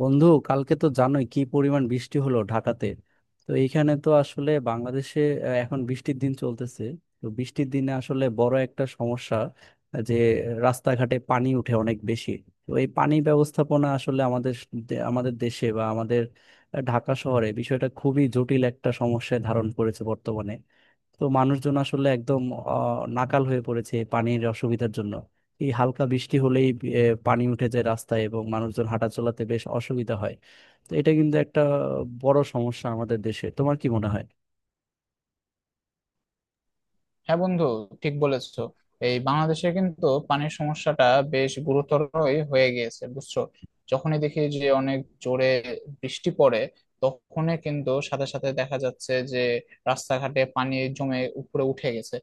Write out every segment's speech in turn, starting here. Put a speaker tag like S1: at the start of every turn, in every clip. S1: বন্ধু, কালকে তো জানোই কি পরিমাণ বৃষ্টি হলো ঢাকাতে। তো এইখানে তো আসলে বাংলাদেশে এখন বৃষ্টির দিন চলতেছে। তো বৃষ্টির দিনে আসলে বড় একটা সমস্যা, যে রাস্তাঘাটে পানি উঠে অনেক বেশি। তো এই পানি ব্যবস্থাপনা আসলে আমাদের দেশে বা আমাদের ঢাকা শহরে বিষয়টা খুবই জটিল একটা সমস্যায় ধারণ করেছে বর্তমানে। তো মানুষজন আসলে একদম নাকাল হয়ে পড়েছে এই পানির অসুবিধার জন্য। এই হালকা বৃষ্টি হলেই পানি উঠে যায় রাস্তায়, এবং মানুষজন হাঁটা চলাতে বেশ অসুবিধা হয়। তো এটা কিন্তু একটা বড় সমস্যা আমাদের দেশে। তোমার কি মনে হয়?
S2: হ্যাঁ বন্ধু, ঠিক বলেছো। এই বাংলাদেশে কিন্তু পানির সমস্যাটা বেশ গুরুতরই হয়ে গিয়েছে, বুঝছো। যখনই দেখি যে অনেক জোরে বৃষ্টি পড়ে, তখনই কিন্তু সাথে সাথে দেখা যাচ্ছে যে রাস্তাঘাটে পানি জমে উপরে উঠে গেছে।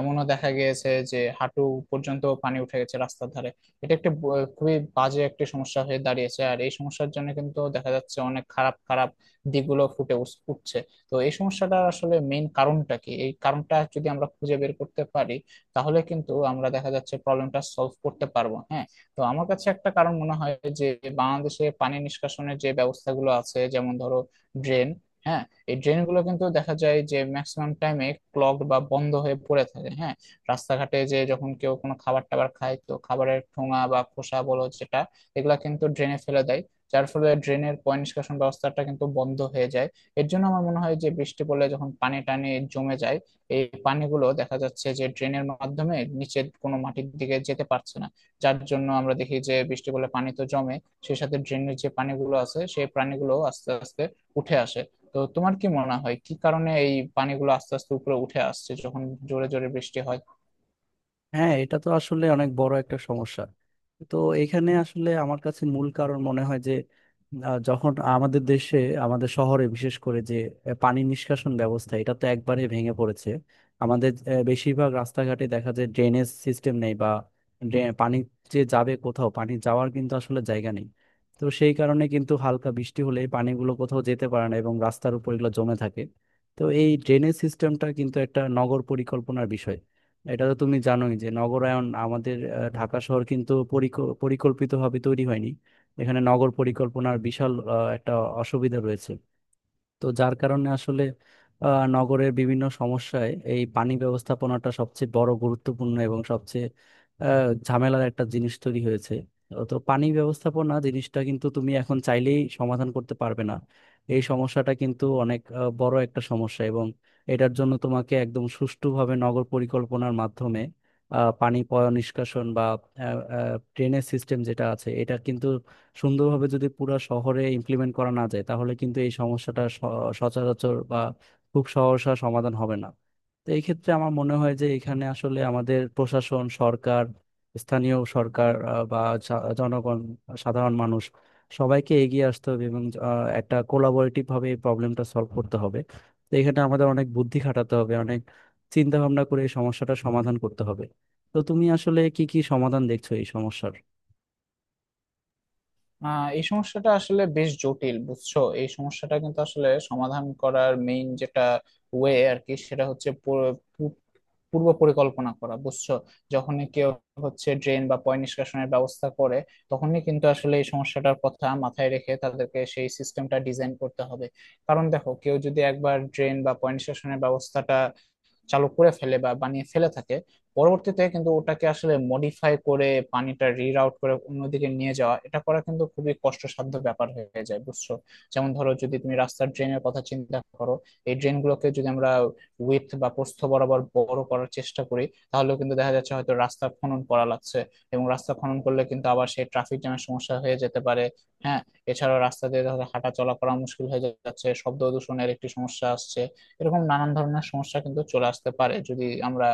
S2: এমনও দেখা গিয়েছে যে হাঁটু পর্যন্ত পানি উঠে গেছে রাস্তার ধারে। এটা একটা খুবই বাজে একটা সমস্যা হয়ে দাঁড়িয়েছে, আর এই সমস্যার জন্য কিন্তু দেখা যাচ্ছে অনেক খারাপ খারাপ দিকগুলো ফুটে উঠছে। তো এই সমস্যাটা আসলে মেইন কারণটা কি, এই কারণটা যদি আমরা খুঁজে বের করতে পারি, তাহলে কিন্তু আমরা দেখা যাচ্ছে প্রবলেমটা সলভ করতে পারবো। হ্যাঁ, তো আমার কাছে একটা কারণ মনে হয় যে বাংলাদেশে পানি নিষ্কাশনের যে ব্যবস্থাগুলো আছে, যেমন ধরো ড্রেন। হ্যাঁ, এই ড্রেনগুলো কিন্তু দেখা যায় যে ম্যাক্সিমাম টাইমে ক্লগ বা বন্ধ হয়ে পড়ে থাকে। হ্যাঁ, রাস্তাঘাটে যে যখন কেউ কোনো খাবার টাবার খায়, তো খাবারের ঠোঙা বা খোসা বলো যেটা, এগুলা কিন্তু ড্রেনে ফেলে দেয়, যার ফলে ড্রেনের পয় নিষ্কাশন ব্যবস্থাটা কিন্তু বন্ধ হয়ে যায়। এর জন্য আমার মনে হয় যে বৃষ্টি পড়লে যখন পানি টানে জমে যায়, এই পানিগুলো দেখা যাচ্ছে যে ড্রেনের মাধ্যমে নিচের কোনো মাটির দিকে যেতে পারছে না। যার জন্য আমরা দেখি যে বৃষ্টি পড়লে পানি তো জমে, সেই সাথে ড্রেনের যে পানিগুলো আছে সেই পানিগুলো আস্তে আস্তে উঠে আসে। তো তোমার কি মনে হয় কি কারণে এই পানিগুলো আস্তে আস্তে উপরে উঠে আসছে যখন জোরে জোরে বৃষ্টি হয়?
S1: হ্যাঁ, এটা তো আসলে অনেক বড় একটা সমস্যা। তো এখানে আসলে আমার কাছে মূল কারণ মনে হয় যে যখন আমাদের দেশে, আমাদের শহরে বিশেষ করে যে পানি নিষ্কাশন ব্যবস্থা, এটা তো একবারে ভেঙে পড়েছে। আমাদের বেশিরভাগ রাস্তাঘাটে দেখা যায় ড্রেনেজ সিস্টেম নেই, বা পানি যে যাবে কোথাও, পানি যাওয়ার কিন্তু আসলে জায়গা নেই। তো সেই কারণে কিন্তু হালকা বৃষ্টি হলে এই পানিগুলো কোথাও যেতে পারে না এবং রাস্তার উপর এগুলো জমে থাকে। তো এই ড্রেনেজ সিস্টেমটা কিন্তু একটা নগর পরিকল্পনার বিষয়। এটা তো তুমি জানোই যে নগরায়ন, আমাদের ঢাকা শহর কিন্তু পরিকল্পিত ভাবে তৈরি হয়নি। এখানে নগর পরিকল্পনার বিশাল একটা অসুবিধা রয়েছে। তো যার কারণে আসলে নগরের বিভিন্ন সমস্যায় এই পানি ব্যবস্থাপনাটা সবচেয়ে বড় গুরুত্বপূর্ণ এবং সবচেয়ে ঝামেলার একটা জিনিস তৈরি হয়েছে। তো পানি ব্যবস্থাপনা জিনিসটা কিন্তু তুমি এখন চাইলেই সমাধান করতে পারবে না। এই সমস্যাটা কিন্তু অনেক বড় একটা সমস্যা, এবং এটার জন্য তোমাকে একদম সুষ্ঠুভাবে নগর পরিকল্পনার মাধ্যমে পানি পয় নিষ্কাশন বা ড্রেনেজ সিস্টেম যেটা আছে এটা কিন্তু সুন্দরভাবে যদি পুরো শহরে ইমপ্লিমেন্ট করা না যায়, তাহলে কিন্তু এই সচরাচর বা খুব সহসা সমাধান হবে না। তো এই ক্ষেত্রে আমার মনে হয় যে এখানে আসলে আমাদের প্রশাসন, সরকার, স্থানীয় সরকার, বা জনগণ, সাধারণ মানুষ সবাইকে এগিয়ে আসতে হবে, এবং একটা কোলাবোরেটিভ ভাবে এই প্রবলেমটা সলভ করতে হবে। তো এখানে আমাদের অনেক বুদ্ধি খাটাতে হবে, অনেক চিন্তা ভাবনা করে এই সমস্যাটা সমাধান করতে হবে। তো তুমি আসলে কি কি সমাধান দেখছো এই সমস্যার?
S2: এই সমস্যাটা আসলে বেশ জটিল, বুঝছো। এই সমস্যাটা কিন্তু আসলে সমাধান করার মেইন যেটা ওয়ে আর কি, সেটা হচ্ছে পূর্ব পরিকল্পনা করা, বুঝছো। যখনই কেউ হচ্ছে ড্রেন বা পয় নিষ্কাশনের ব্যবস্থা করে, তখনই কিন্তু আসলে এই সমস্যাটার কথা মাথায় রেখে তাদেরকে সেই সিস্টেমটা ডিজাইন করতে হবে। কারণ দেখো, কেউ যদি একবার ড্রেন বা পয় নিষ্কাশনের ব্যবস্থাটা চালু করে ফেলে বা বানিয়ে ফেলে থাকে, পরবর্তীতে কিন্তু ওটাকে আসলে মডিফাই করে পানিটা রিরাউট করে অন্যদিকে নিয়ে যাওয়া, এটা করা কিন্তু খুবই কষ্টসাধ্য ব্যাপার হয়ে যায়, বুঝছো। যেমন ধরো, যদি তুমি রাস্তার ড্রেনের কথা চিন্তা করো, এই ড্রেনগুলোকে যদি আমরা উইথ বা প্রস্থ বরাবর বড় করার চেষ্টা করি, তাহলে কিন্তু দেখা যাচ্ছে হয়তো রাস্তা খনন করা লাগছে। এবং রাস্তা খনন করলে কিন্তু আবার সেই ট্রাফিক জ্যামের সমস্যা হয়ে যেতে পারে। হ্যাঁ, এছাড়াও রাস্তা দিয়ে ধরো হাঁটা চলা করা মুশকিল হয়ে যাচ্ছে, শব্দ দূষণের একটি সমস্যা আসছে। এরকম নানান ধরনের সমস্যা কিন্তু চলে আসতে পারে যদি আমরা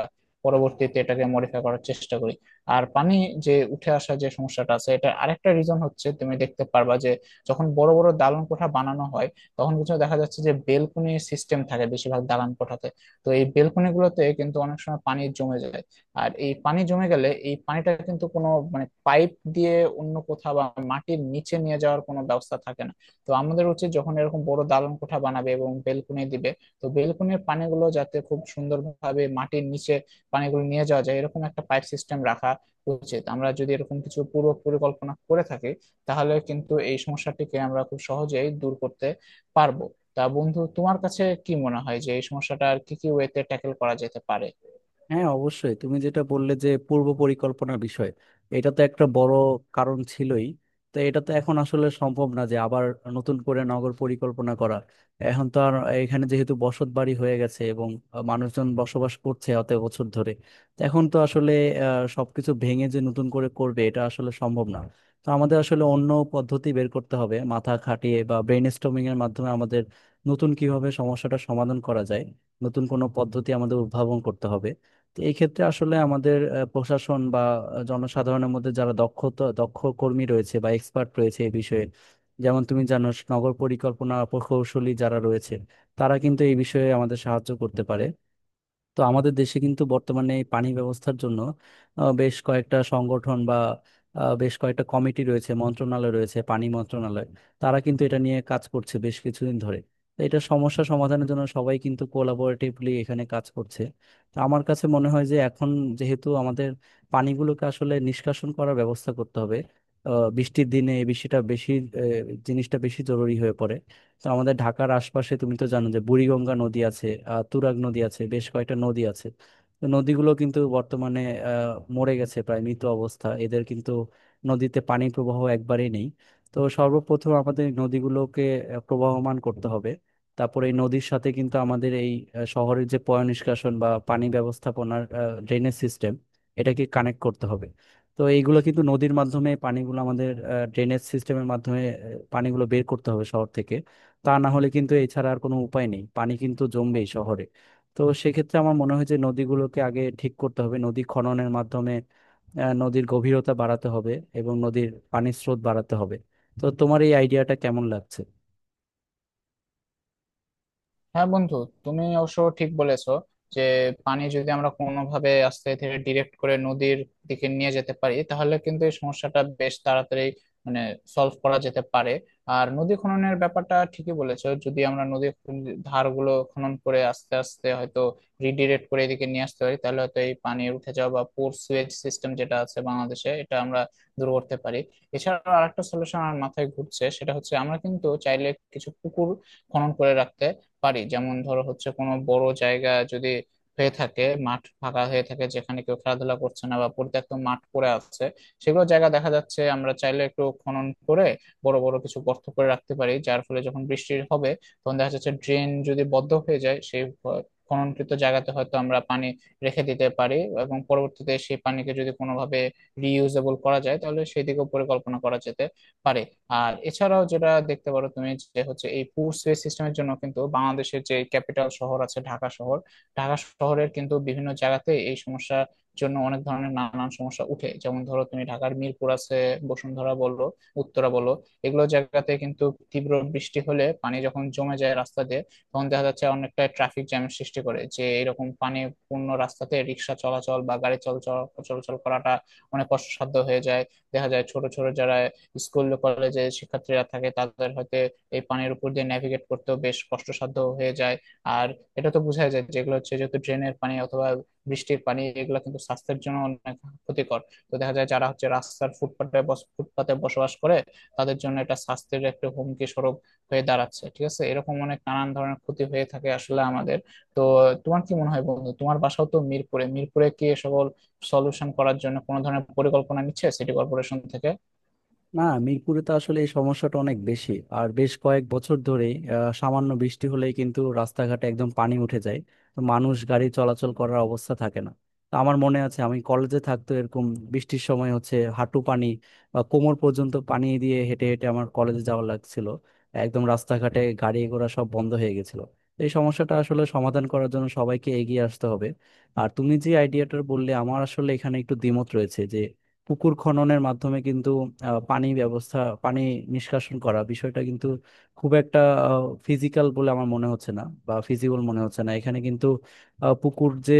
S2: পরবর্তীতে এটাকে মডিফাই করার চেষ্টা করি। আর পানি যে উঠে আসা যে সমস্যাটা আছে, এটা আরেকটা রিজন হচ্ছে, তুমি দেখতে পারবা যে যখন বড় বড় দালান কোঠা বানানো হয়, তখন কিছু দেখা যাচ্ছে যে বেলকনি সিস্টেম থাকে বেশিরভাগ দালান কোঠাতে। তো এই বেলকনি গুলোতে কিন্তু অনেক সময় পানি জমে যায়। আর এই পানি জমে গেলে এই পানিটা কিন্তু কোনো মানে পাইপ দিয়ে অন্য কোথাও বা মাটির নিচে নিয়ে যাওয়ার কোনো ব্যবস্থা থাকে না। তো আমাদের উচিত, যখন এরকম বড় দালান কোঠা বানাবে এবং বেলকনি দিবে, তো বেলকনির পানিগুলো যাতে খুব সুন্দরভাবে মাটির নিচে পানিগুলো নিয়ে যাওয়া যায়, এরকম একটা পাইপ সিস্টেম রাখা উচিত। আমরা যদি এরকম কিছু পূর্ব পরিকল্পনা করে থাকি, তাহলে কিন্তু এই সমস্যাটিকে আমরা খুব সহজেই দূর করতে পারবো। তা বন্ধু, তোমার কাছে কি মনে হয় যে এই সমস্যাটা আর কি কি ওয়েতে ট্যাকেল করা যেতে পারে?
S1: হ্যাঁ, অবশ্যই তুমি যেটা বললে যে পূর্ব পরিকল্পনা বিষয়, এটা তো একটা বড় কারণ ছিলই। তো এটা তো এখন আসলে সম্ভব না যে আবার নতুন করে নগর পরিকল্পনা করা। এখন তো আর এখানে যেহেতু বসত বাড়ি হয়ে গেছে এবং মানুষজন বসবাস করছে অত বছর ধরে, তো এখন তো আসলে সবকিছু ভেঙে যে নতুন করে করবে এটা আসলে সম্ভব না। তো আমাদের আসলে অন্য পদ্ধতি বের করতে হবে মাথা খাটিয়ে বা ব্রেন স্টর্মিং এর মাধ্যমে। আমাদের নতুন কিভাবে সমস্যাটা সমাধান করা যায়, নতুন কোনো পদ্ধতি আমাদের উদ্ভাবন করতে হবে। তো এই ক্ষেত্রে আসলে আমাদের প্রশাসন বা জনসাধারণের মধ্যে যারা দক্ষতা দক্ষ কর্মী রয়েছে বা এক্সপার্ট রয়েছে এই বিষয়ে, যেমন তুমি জানো নগর পরিকল্পনা প্রকৌশলী যারা রয়েছে, তারা কিন্তু এই বিষয়ে আমাদের সাহায্য করতে পারে। তো আমাদের দেশে কিন্তু বর্তমানে এই পানি ব্যবস্থার জন্য বেশ কয়েকটা সংগঠন বা বেশ কয়েকটা কমিটি রয়েছে, মন্ত্রণালয় রয়েছে, পানি মন্ত্রণালয়। তারা কিন্তু এটা নিয়ে কাজ করছে বেশ কিছুদিন ধরে। তো এটা সমস্যা সমাধানের জন্য সবাই কিন্তু কোলাবোরেটিভলি এখানে কাজ করছে। তো আমার কাছে মনে হয় যে এখন যেহেতু আমাদের পানিগুলোকে আসলে নিষ্কাশন করার ব্যবস্থা করতে হবে, বৃষ্টির দিনে এই বৃষ্টিটা বেশি, আহ, জিনিসটা বেশি জরুরি হয়ে পড়ে। তো আমাদের ঢাকার আশপাশে তুমি তো জানো যে বুড়িগঙ্গা নদী আছে, তুরাগ নদী আছে, বেশ কয়েকটা নদী আছে। তো নদীগুলো কিন্তু বর্তমানে মরে গেছে, প্রায় মৃত অবস্থা এদের কিন্তু। নদীতে পানির প্রবাহ একবারেই নেই। তো সর্বপ্রথম আমাদের এই নদীগুলোকে প্রবাহমান করতে হবে। তারপরে এই নদীর সাথে কিন্তু আমাদের এই শহরের যে পয় নিষ্কাশন বা পানি ব্যবস্থাপনার ড্রেনেজ সিস্টেম, এটাকে কানেক্ট করতে হবে। তো এইগুলো কিন্তু নদীর মাধ্যমে পানিগুলো আমাদের ড্রেনেজ সিস্টেমের মাধ্যমে পানিগুলো বের করতে হবে শহর থেকে। তা না হলে কিন্তু এছাড়া আর কোনো উপায় নেই, পানি কিন্তু জমবেই শহরে। তো সেক্ষেত্রে আমার মনে হয় যে নদীগুলোকে আগে ঠিক করতে হবে নদী খননের মাধ্যমে। নদীর গভীরতা বাড়াতে হবে, এবং নদীর পানির স্রোত বাড়াতে হবে। তো তোমার এই আইডিয়াটা কেমন লাগছে?
S2: হ্যাঁ বন্ধু, তুমি অবশ্য ঠিক বলেছো যে পানি যদি আমরা কোনোভাবে আস্তে ধীরে ডিরেক্ট করে নদীর দিকে নিয়ে যেতে পারি, তাহলে কিন্তু এই সমস্যাটা বেশ তাড়াতাড়ি মানে সলভ করা যেতে পারে। আর নদী খননের ব্যাপারটা ঠিকই বলেছো, যদি আমরা নদীর ধারগুলো খনন করে আস্তে আস্তে হয়তো রিডিরেক্ট করে এদিকে নিয়ে আসতে পারি, তাহলে হয়তো এই পানি উঠে যাওয়া বা পোর সুয়েজ সিস্টেম যেটা আছে বাংলাদেশে, এটা আমরা দূর করতে পারি। এছাড়াও আরেকটা সলিউশন আমার মাথায় ঘুরছে, সেটা হচ্ছে আমরা কিন্তু চাইলে কিছু পুকুর খনন করে রাখতে পারি। যেমন ধরো হচ্ছে, কোনো বড় জায়গা যদি হয়ে থাকে, মাঠ ফাঁকা হয়ে থাকে যেখানে কেউ খেলাধুলা করছে না বা পরিত্যক্ত মাঠ পড়ে আছে, সেগুলো জায়গা দেখা যাচ্ছে আমরা চাইলে একটু খনন করে বড় বড় কিছু গর্ত করে রাখতে পারি। যার ফলে যখন বৃষ্টি হবে, তখন দেখা যাচ্ছে ড্রেন যদি বদ্ধ হয়ে যায়, সেই খননকৃত জায়গাতে হয়তো আমরা পানি রেখে দিতে পারি। এবং পরবর্তীতে সেই পানিকে যদি কোনোভাবে রিইউজেবল করা যায়, তাহলে সেদিকেও পরিকল্পনা করা যেতে পারে। আর এছাড়াও যেটা দেখতে পারো তুমি, যে হচ্ছে এই পুশ ওয়ে সিস্টেমের জন্য কিন্তু বাংলাদেশের যে ক্যাপিটাল শহর আছে ঢাকা শহর, ঢাকা শহরের কিন্তু বিভিন্ন জায়গাতে এই সমস্যার জন্য অনেক ধরনের নানান সমস্যা উঠে। যেমন ধরো তুমি, ঢাকার মিরপুর আছে, বসুন্ধরা বললো, উত্তরা বললো, এগুলো জায়গাতে কিন্তু তীব্র বৃষ্টি হলে পানি যখন জমে যায় রাস্তা দিয়ে, তখন দেখা যাচ্ছে অনেকটা ট্রাফিক জ্যামের সৃষ্টি করে যে এরকম পানি পূর্ণ রাস্তাতে রিক্সা চলাচল বা গাড়ি চলাচল চলাচল করাটা অনেক কষ্টসাধ্য হয়ে যায়। দেখা যায় ছোট ছোট যারা স্কুল কলেজে শিক্ষার্থীরা থাকে, তাদের হয়তো এই পানির উপর দিয়ে ন্যাভিগেট করতেও বেশ কষ্টসাধ্য হয়ে যায়। আর এটা তো বোঝাই যায়, যেগুলো হচ্ছে যেহেতু ড্রেনের পানি অথবা বৃষ্টির পানি, এগুলো কিন্তু স্বাস্থ্যের জন্য অনেক ক্ষতিকর। তো দেখা যায় যারা হচ্ছে রাস্তার ফুটপাতে ফুটপাতে বসবাস করে, তাদের জন্য এটা স্বাস্থ্যের একটা হুমকি স্বরূপ হয়ে দাঁড়াচ্ছে। ঠিক আছে, এরকম অনেক নানান ধরনের ক্ষতি হয়ে থাকে আসলে আমাদের। তো তোমার কি মনে হয় বন্ধু, তোমার বাসাও তো মিরপুরে, মিরপুরে কি এ সকল সলিউশন করার জন্য কোনো ধরনের পরিকল্পনা নিচ্ছে সিটি কর্পোরেশন থেকে?
S1: না, মিরপুরে তো আসলে এই সমস্যাটা অনেক বেশি। আর বেশ কয়েক বছর ধরেই সামান্য বৃষ্টি হলেই কিন্তু রাস্তাঘাটে একদম পানি উঠে যায়। তো মানুষ গাড়ি চলাচল করার অবস্থা থাকে না। তো আমার মনে আছে আমি কলেজে থাকতো এরকম বৃষ্টির সময় হচ্ছে হাঁটু পানি বা কোমর পর্যন্ত পানি দিয়ে হেঁটে হেঁটে আমার কলেজে যাওয়া লাগছিল। একদম রাস্তাঘাটে গাড়ি ঘোড়া সব বন্ধ হয়ে গেছিল। তো এই সমস্যাটা আসলে সমাধান করার জন্য সবাইকে এগিয়ে আসতে হবে। আর তুমি যে আইডিয়াটা বললে, আমার আসলে এখানে একটু দ্বিমত রয়েছে যে পুকুর খননের মাধ্যমে কিন্তু আহ, পানি ব্যবস্থা পানি নিষ্কাশন করা বিষয়টা কিন্তু খুব একটা ফিজিক্যাল বলে আমার মনে হচ্ছে না, বা ফিজিবল মনে হচ্ছে না। এখানে কিন্তু পুকুর যে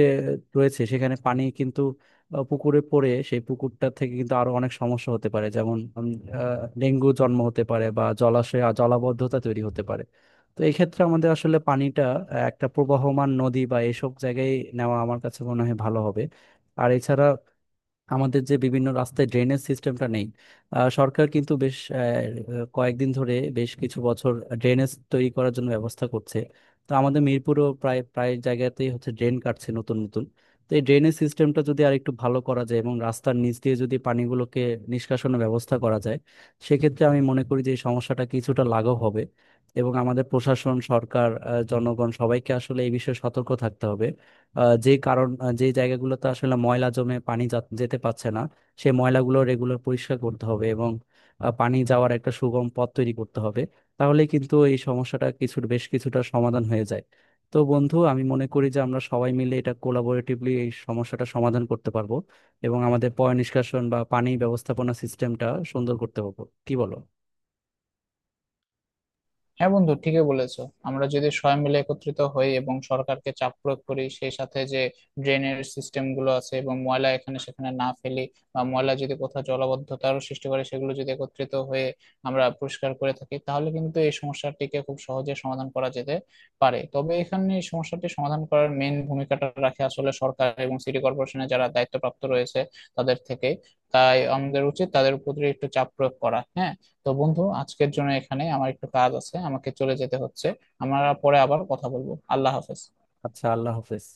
S1: রয়েছে সেখানে পানি কিন্তু পুকুরে পড়ে, সেই পুকুরটা থেকে কিন্তু আরো অনেক সমস্যা হতে পারে, যেমন ডেঙ্গু জন্ম হতে পারে, বা জলাশয় আর জলাবদ্ধতা তৈরি হতে পারে। তো এই ক্ষেত্রে আমাদের আসলে পানিটা একটা প্রবাহমান নদী বা এসব জায়গায় নেওয়া আমার কাছে মনে হয় ভালো হবে। আর এছাড়া আমাদের যে বিভিন্ন রাস্তায় ড্রেনেজ সিস্টেমটা নেই, সরকার কিন্তু বেশ কয়েকদিন ধরে, বেশ কিছু বছর ড্রেনেজ তৈরি করার জন্য ব্যবস্থা করছে। তো আমাদের মিরপুরও প্রায় প্রায় জায়গাতেই হচ্ছে ড্রেন কাটছে নতুন নতুন। তো এই ড্রেনেজ সিস্টেমটা যদি আর একটু ভালো করা যায় এবং রাস্তার নিচ দিয়ে যদি পানিগুলোকে নিষ্কাশনের ব্যবস্থা করা যায়, সেক্ষেত্রে আমি মনে করি যে এই সমস্যাটা কিছুটা লাঘব হবে। এবং আমাদের প্রশাসন, সরকার, জনগণ সবাইকে আসলে এই বিষয়ে সতর্ক থাকতে হবে। আহ, যে কারণ আহ, যে জায়গাগুলোতে আসলে ময়লা জমে পানি যেতে পারছে না, সেই ময়লাগুলো রেগুলার পরিষ্কার করতে হবে, এবং পানি যাওয়ার একটা সুগম পথ তৈরি করতে হবে। তাহলে কিন্তু এই সমস্যাটা বেশ কিছুটা সমাধান হয়ে যায়। তো বন্ধু, আমি মনে করি যে আমরা সবাই মিলে এটা কোলাবোরেটিভলি এই সমস্যাটা সমাধান করতে পারবো, এবং আমাদের পয় নিষ্কাশন বা পানি ব্যবস্থাপনা সিস্টেমটা সুন্দর করতে পারবো। কি বলো?
S2: হ্যাঁ বন্ধু, ঠিকই বলেছো। আমরা যদি সবাই মিলে একত্রিত হই এবং সরকারকে চাপ প্রয়োগ করি, সেই সাথে যে ড্রেনের সিস্টেম গুলো আছে এবং ময়লা এখানে সেখানে না ফেলি বা ময়লা যদি কোথাও জলাবদ্ধতারও সৃষ্টি করে, সেগুলো যদি একত্রিত হয়ে আমরা পরিষ্কার করে থাকি, তাহলে কিন্তু এই সমস্যাটিকে খুব সহজে সমাধান করা যেতে পারে। তবে এখানে এই সমস্যাটি সমাধান করার মেন ভূমিকাটা রাখে আসলে সরকার এবং সিটি কর্পোরেশনে যারা দায়িত্বপ্রাপ্ত রয়েছে তাদের থেকে। তাই আমাদের উচিত তাদের উপর একটু চাপ প্রয়োগ করা। হ্যাঁ, তো বন্ধু, আজকের জন্য এখানে আমার একটু কাজ আছে, আমাকে চলে যেতে হচ্ছে। আমরা পরে আবার কথা বলবো। আল্লাহ হাফেজ।
S1: আচ্ছা, আল্লাহ হাফেজ।